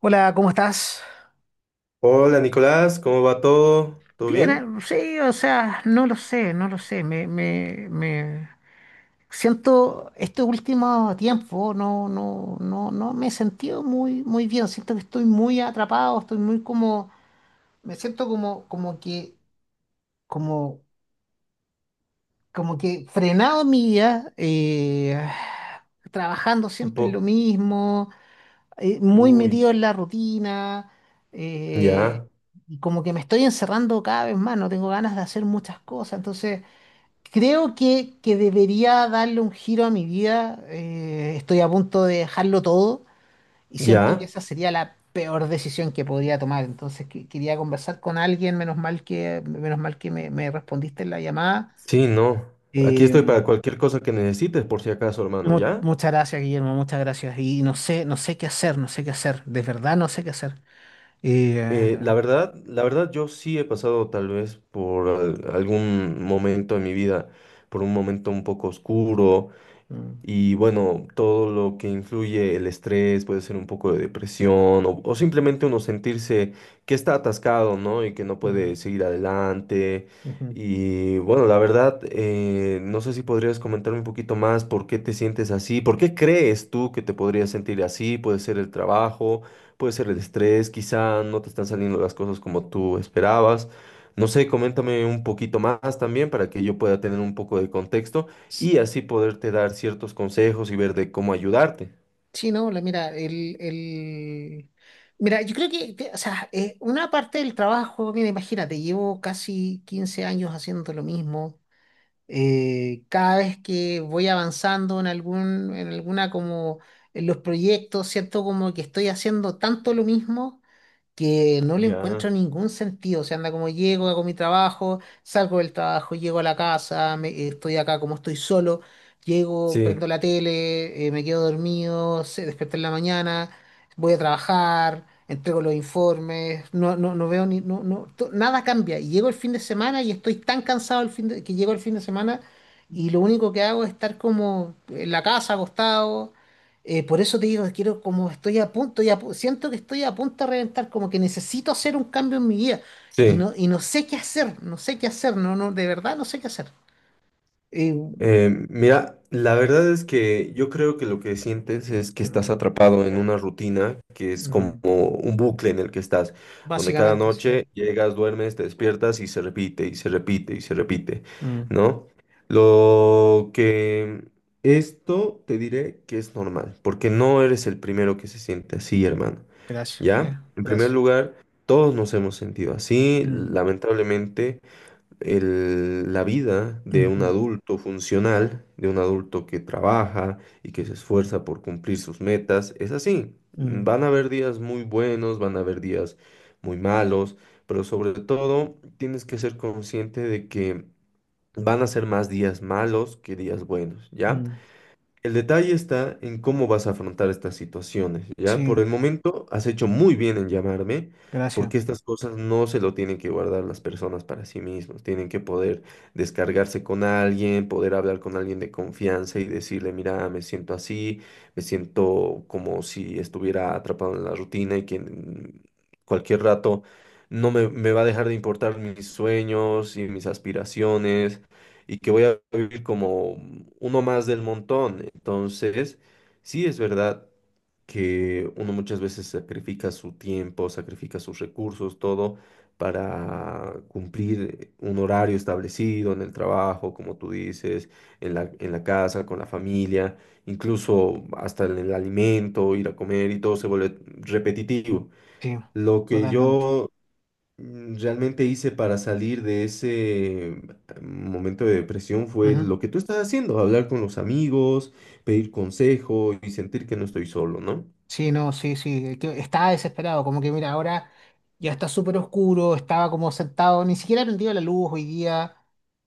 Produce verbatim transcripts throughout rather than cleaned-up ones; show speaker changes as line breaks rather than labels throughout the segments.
Hola, ¿cómo estás?
Hola Nicolás, ¿cómo va todo? ¿Todo
Bien, eh,
bien?
sí, o sea, no lo sé, no lo sé. Me, me, me siento este último tiempo, no, no, no, no me he sentido muy, muy bien. Siento que estoy muy atrapado, estoy muy como, me siento como, como que, como, como que frenado en mi vida, eh, trabajando
Un
siempre en
po-
lo mismo, eh, muy
Uy,
metido en la rutina,
ya,
eh, y como que me estoy encerrando cada vez más, no tengo ganas de hacer muchas cosas, entonces creo que, que debería darle un giro a mi vida, eh, estoy a punto de dejarlo todo y siento que
ya.
esa sería la peor decisión que podría tomar, entonces que- quería conversar con alguien, menos mal que, menos mal que me, me respondiste en la llamada.
Sí, no. Aquí
Eh,
estoy para cualquier cosa que necesites, por si acaso, hermano,
mu-
¿ya?
Muchas gracias, Guillermo, muchas gracias. Y no sé, no sé qué hacer, no sé qué hacer. De verdad no sé qué hacer. Y,
Eh, la
eh,
verdad, la verdad, yo sí he pasado tal vez por al- algún momento en mi vida, por un momento un poco oscuro.
mm,
Y bueno, todo lo que influye el estrés, puede ser un poco de depresión o, o simplemente uno sentirse que está atascado, ¿no? Y que no
mm,
puede seguir adelante.
ujú.
Y bueno, la verdad, eh, no sé si podrías comentarme un poquito más por qué te sientes así, por qué crees tú que te podrías sentir así. Puede ser el trabajo, puede ser el estrés, quizá no te están saliendo las cosas como tú esperabas. No sé, coméntame un poquito más también para que yo pueda tener un poco de contexto y así poderte dar ciertos consejos y ver de cómo ayudarte.
Sí, no, la- mira, el, el- Mira, yo creo que, que, o sea, eh, una parte del trabajo, mira, imagínate, llevo casi quince años haciendo lo mismo. Eh, cada vez que voy avanzando en algún, en alguna como, en los proyectos, siento como que estoy haciendo tanto lo mismo que no le
Ya.
encuentro ningún sentido. O sea, anda como llego, hago mi trabajo, salgo del trabajo, llego a la casa, me- eh, estoy acá como estoy solo, llego,
Sí,
prendo la tele, eh, me quedo dormido, se despierto en la mañana, voy a trabajar, entrego los informes, no, no, no veo ni, no, no, to- nada cambia. Y llego el fin de semana y estoy tan cansado el fin de- que llego el fin de semana y lo único que hago es estar como en la casa, acostado. Eh, por eso te digo, quiero, como estoy a punto, y a pu- siento que estoy a punto de reventar, como que necesito hacer un cambio en mi vida. Y no,
sí.
y no sé qué hacer, no sé qué hacer, no, no, de verdad no sé qué hacer. Eh,
Eh, mira, la verdad es que yo creo que lo que sientes es que
mm,
estás atrapado en una rutina que es como
mm,
un bucle en el que estás, donde cada
básicamente, sí.
noche llegas, duermes, te despiertas y se repite y se repite y se repite,
Mm,
¿no? Lo que esto te diré que es normal, porque no eres el primero que se siente así, hermano,
gracias, sí,
¿ya? En primer
gracias.
lugar, todos nos hemos sentido así.
Mm,
Lamentablemente el- la vida de un
ujú,
adulto funcional, de un adulto que trabaja y que se esfuerza por cumplir sus metas, es así.
mm,
Van a haber días muy buenos, van a haber días muy malos, pero sobre todo tienes que ser consciente de que van a ser más días malos que días buenos, ¿ya?
mm,
El detalle está en cómo vas a afrontar estas situaciones, ¿ya? Por
sí,
el momento has hecho muy bien en llamarme,
gracias,
porque estas cosas no se lo tienen que guardar las personas para sí mismos, tienen que poder descargarse con alguien, poder hablar con alguien de confianza y decirle, mira, me siento así, me siento como si estuviera atrapado en la rutina y que en cualquier rato no me, me va a dejar de importar mis sueños y mis aspiraciones y que voy a vivir como uno más del montón. Entonces, sí es verdad que uno muchas veces sacrifica su tiempo, sacrifica sus recursos, todo para cumplir un horario establecido en el trabajo, como tú dices, en la, en la casa, con la familia, incluso hasta en el alimento, ir a comer y todo se vuelve repetitivo.
sí,
Lo que
totalmente.
yo mm, realmente hice para salir de ese mm, momento de depresión fue
Ujú.
lo que tú estás haciendo, hablar con los amigos, pedir consejo y sentir que no estoy solo, ¿no?
Sí, no, sí, sí. El tío estaba desesperado, como que mira, ahora ya está súper oscuro, estaba como sentado, ni siquiera prendido la luz hoy día.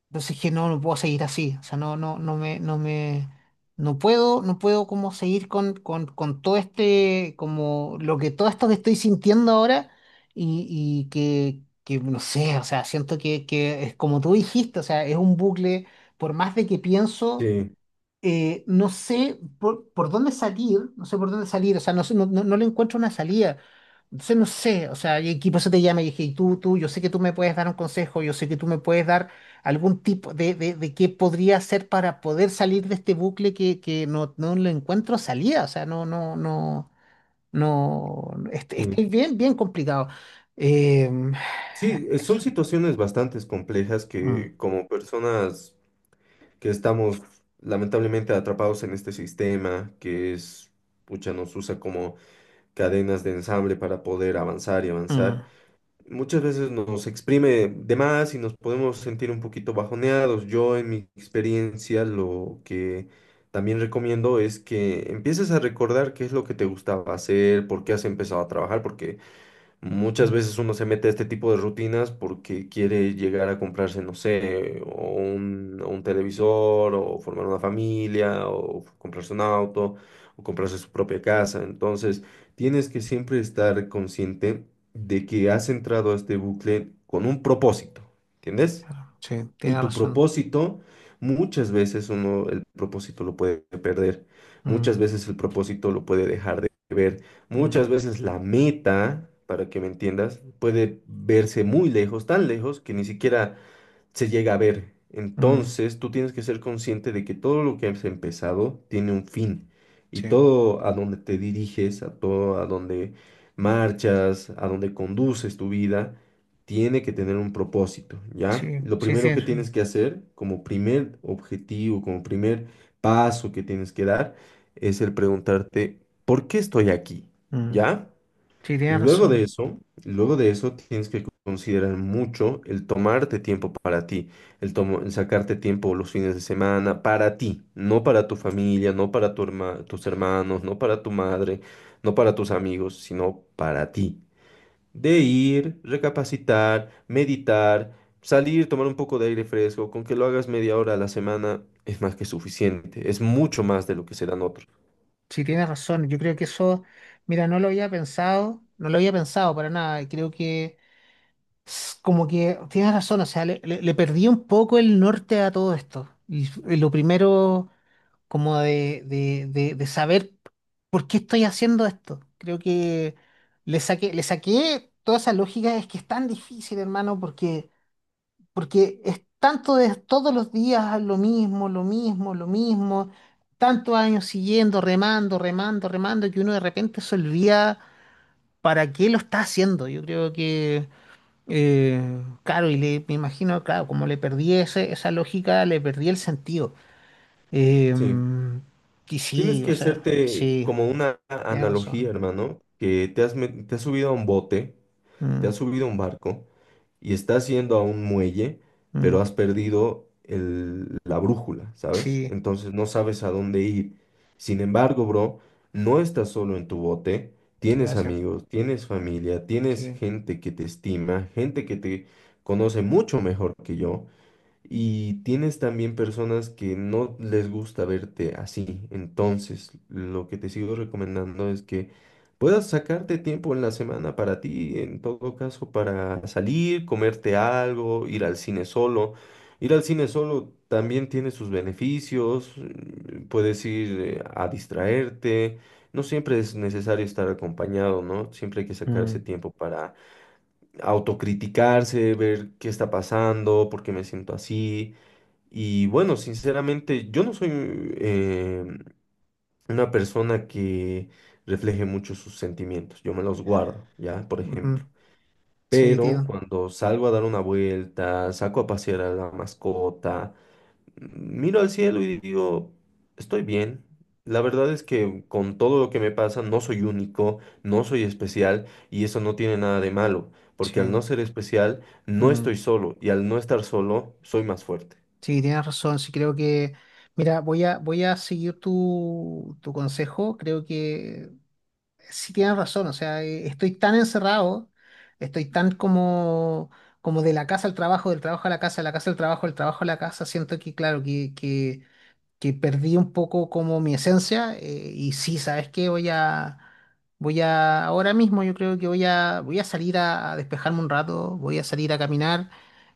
Entonces dije, no, no puedo seguir así. O sea, no, no, no me, no me, no puedo, no puedo como seguir con, con, con todo este, como lo que todo esto que estoy sintiendo ahora y, y que, que, no sé, o sea, siento que, que es como tú dijiste, o sea, es un bucle, por más de que pienso
Sí,
eh, no sé por, por dónde salir, no sé por dónde salir, o sea, no, sé, no, no, no le encuentro una salida, entonces no sé, o sea, y aquí por eso te llama y dije, y tú, tú, yo sé que tú me puedes dar un consejo, yo sé que tú me puedes dar algún tipo de, de, de qué podría hacer para poder salir de este bucle que, que no, no le encuentro salida, o sea, no, no, no, no, est-
sí.
estoy bien, bien complicado. Em,
Sí, eh, son
Eso.
situaciones bastante complejas
Mm,
que como personas que estamos lamentablemente atrapados en este sistema que es, pucha, nos usa como cadenas de ensamble para poder avanzar y avanzar
mm,
muchas veces nos exprime de más y nos podemos sentir un poquito bajoneados. Yo en mi experiencia lo que también recomiendo es que empieces a recordar qué es lo que te gustaba hacer, por qué has empezado a trabajar, porque muchas
mm,
veces uno se mete a este tipo de rutinas porque quiere llegar a comprarse, no sé, o un, o un televisor, o formar una familia, o comprarse un auto, o comprarse su propia casa. Entonces, tienes que siempre estar consciente de que has entrado a este bucle con un propósito, ¿entiendes?
claro, sí,
Y
tiene
tu
razón.
propósito, muchas veces uno el propósito lo puede perder,
Mm,
muchas veces el propósito lo puede dejar de ver,
mm,
muchas veces la meta, para que me entiendas, puede verse muy lejos, tan lejos que ni siquiera se llega a ver.
mm,
Entonces, tú tienes que ser consciente de que todo lo que has empezado tiene un fin y
sí.
todo a donde te diriges, a todo a donde marchas, a donde conduces tu vida, tiene que tener un propósito, ¿ya?
Sí,
Lo
sí, sí,
primero
es-
que tienes que hacer como primer objetivo, como primer paso que tienes que dar, es el preguntarte, ¿por qué estoy aquí?
mm, sí,
¿Ya?
tiene
Luego de
razón.
eso, luego de eso tienes que considerar mucho el tomarte tiempo para ti, el, tomo- el sacarte tiempo los fines de semana para ti, no para tu familia, no para tu herma- tus hermanos, no para tu madre, no para tus amigos, sino para ti. De ir, recapacitar, meditar, salir, tomar un poco de aire fresco, con que lo hagas media hora a la semana es más que suficiente, es mucho más de lo que se dan otros.
Sí, tiene razón. Yo creo que eso, mira, no lo había pensado, no lo había pensado para nada. Y creo que s- como que tienes razón, o sea, le, le- le perdí un poco el norte a todo esto. Y, f- y lo primero, como de, de, de, de saber por qué estoy haciendo esto. Creo que le saqué, le saqué toda esa lógica, es que es tan difícil, hermano, porque Porque es tanto de todos los días lo mismo, lo mismo, lo mismo, tantos años siguiendo, remando, remando, remando, que uno de repente se olvida para qué lo está haciendo. Yo creo que, eh, claro, y le, me imagino, claro, como le perdí ese- esa lógica, le perdí el sentido. Eh,
Sí.
y
Tienes
sí, o
que
sea,
hacerte
sí,
como una
tienes
analogía,
razón.
hermano, que te has, met- te has subido a un bote, te
Mm,
has subido a un barco y estás yendo a un muelle,
mm,
pero has perdido el- la brújula, ¿sabes?
sí,
Entonces no sabes a dónde ir. Sin embargo, bro, no estás solo en tu bote, tienes
gracias.
amigos, tienes familia, tienes
Sí.
gente que te estima, gente que te conoce mucho mejor que yo. Y tienes también personas que no les gusta verte así. Entonces, lo que te sigo recomendando es que puedas sacarte tiempo en la semana para ti, en todo caso, para salir, comerte algo, ir al cine solo. Ir al cine solo también tiene sus beneficios. mm, Puedes ir eh, a distraerte. No siempre es necesario estar acompañado, ¿no? Siempre hay que sacarse
Mm.
tiempo para autocriticarse, ver qué está pasando, por qué me siento así y bueno, sinceramente, yo no soy eh, una persona que refleje mucho sus sentimientos. Yo me los guardo, ¿ya? Por
Ujú,
ejemplo.
sí,
Pero
tío.
cuando salgo a dar una vuelta, saco a pasear a la mascota, mm, miro al cielo y digo, estoy bien. La verdad es que con todo lo que me pasa, no soy único, no soy especial y eso no tiene nada de malo, porque al
Sí.
no ser especial, no
Mm.
estoy solo y al no estar solo, soy más fuerte.
Sí, tienes razón. Sí, creo que, mira, voy a, voy a seguir tu, tu consejo. Creo que sí tienes razón. O sea, eh, estoy tan encerrado, estoy tan como, como de la casa al trabajo, del trabajo a la casa, de la casa al trabajo, del trabajo a la casa. Siento que, claro, que, que que perdí un poco como mi esencia, eh, y sí, ¿sabes qué? Voy a, voy a, ahora mismo yo creo que voy a, voy a salir a, a despejarme un rato, voy a salir a caminar.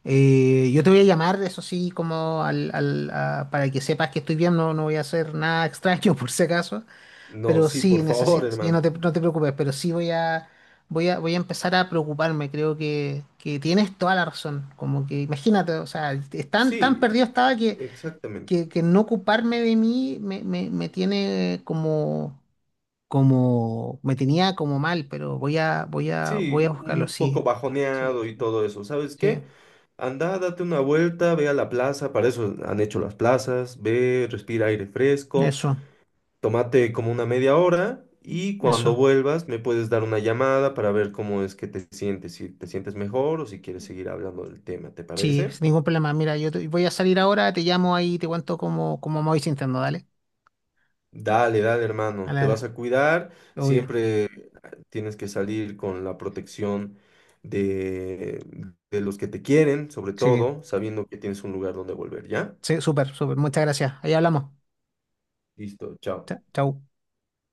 Eh, yo te voy a llamar, eso sí, como al, al- a- para que sepas que estoy bien, no, no voy a hacer nada extraño por si acaso,
No,
pero
sí,
sí,
por favor,
necesito, sí, no
hermano.
te, no te preocupes, pero sí voy a, voy a, voy a empezar a preocuparme, creo que, que tienes toda la razón, como que imagínate, o sea, es tan, tan
Sí,
perdido estaba que
exactamente.
que, que no ocuparme de mí me, me, me tiene como, como, me tenía como mal, pero voy a, voy a, voy a
Sí,
buscarlo,
un
sí.
poco
Sí,
bajoneado y
sí,
todo eso. ¿Sabes
sí,
qué? Anda, date una vuelta, ve a la plaza, para eso han hecho las plazas, ve, respira aire fresco,
eso,
tómate como una media hora y cuando
eso.
vuelvas me puedes dar una llamada para ver cómo es que te sientes, si te sientes mejor o si quieres seguir hablando del tema, ¿te
Sí,
parece?
sin ningún problema. Mira, yo te- voy a salir ahora, te llamo ahí, te cuento cómo, cómo me voy sintiendo, dale.
Dale, dale, hermano.
Dale,
Te vas
dale.
a cuidar.
Obvio.
Siempre tienes que salir con la protección de, de los que te quieren, sobre
Sí,
todo, sabiendo que tienes un lugar donde volver, ¿ya?
sí, súper, súper. Muchas gracias. Ahí hablamos.
Listo, chao.
Cha- Chau.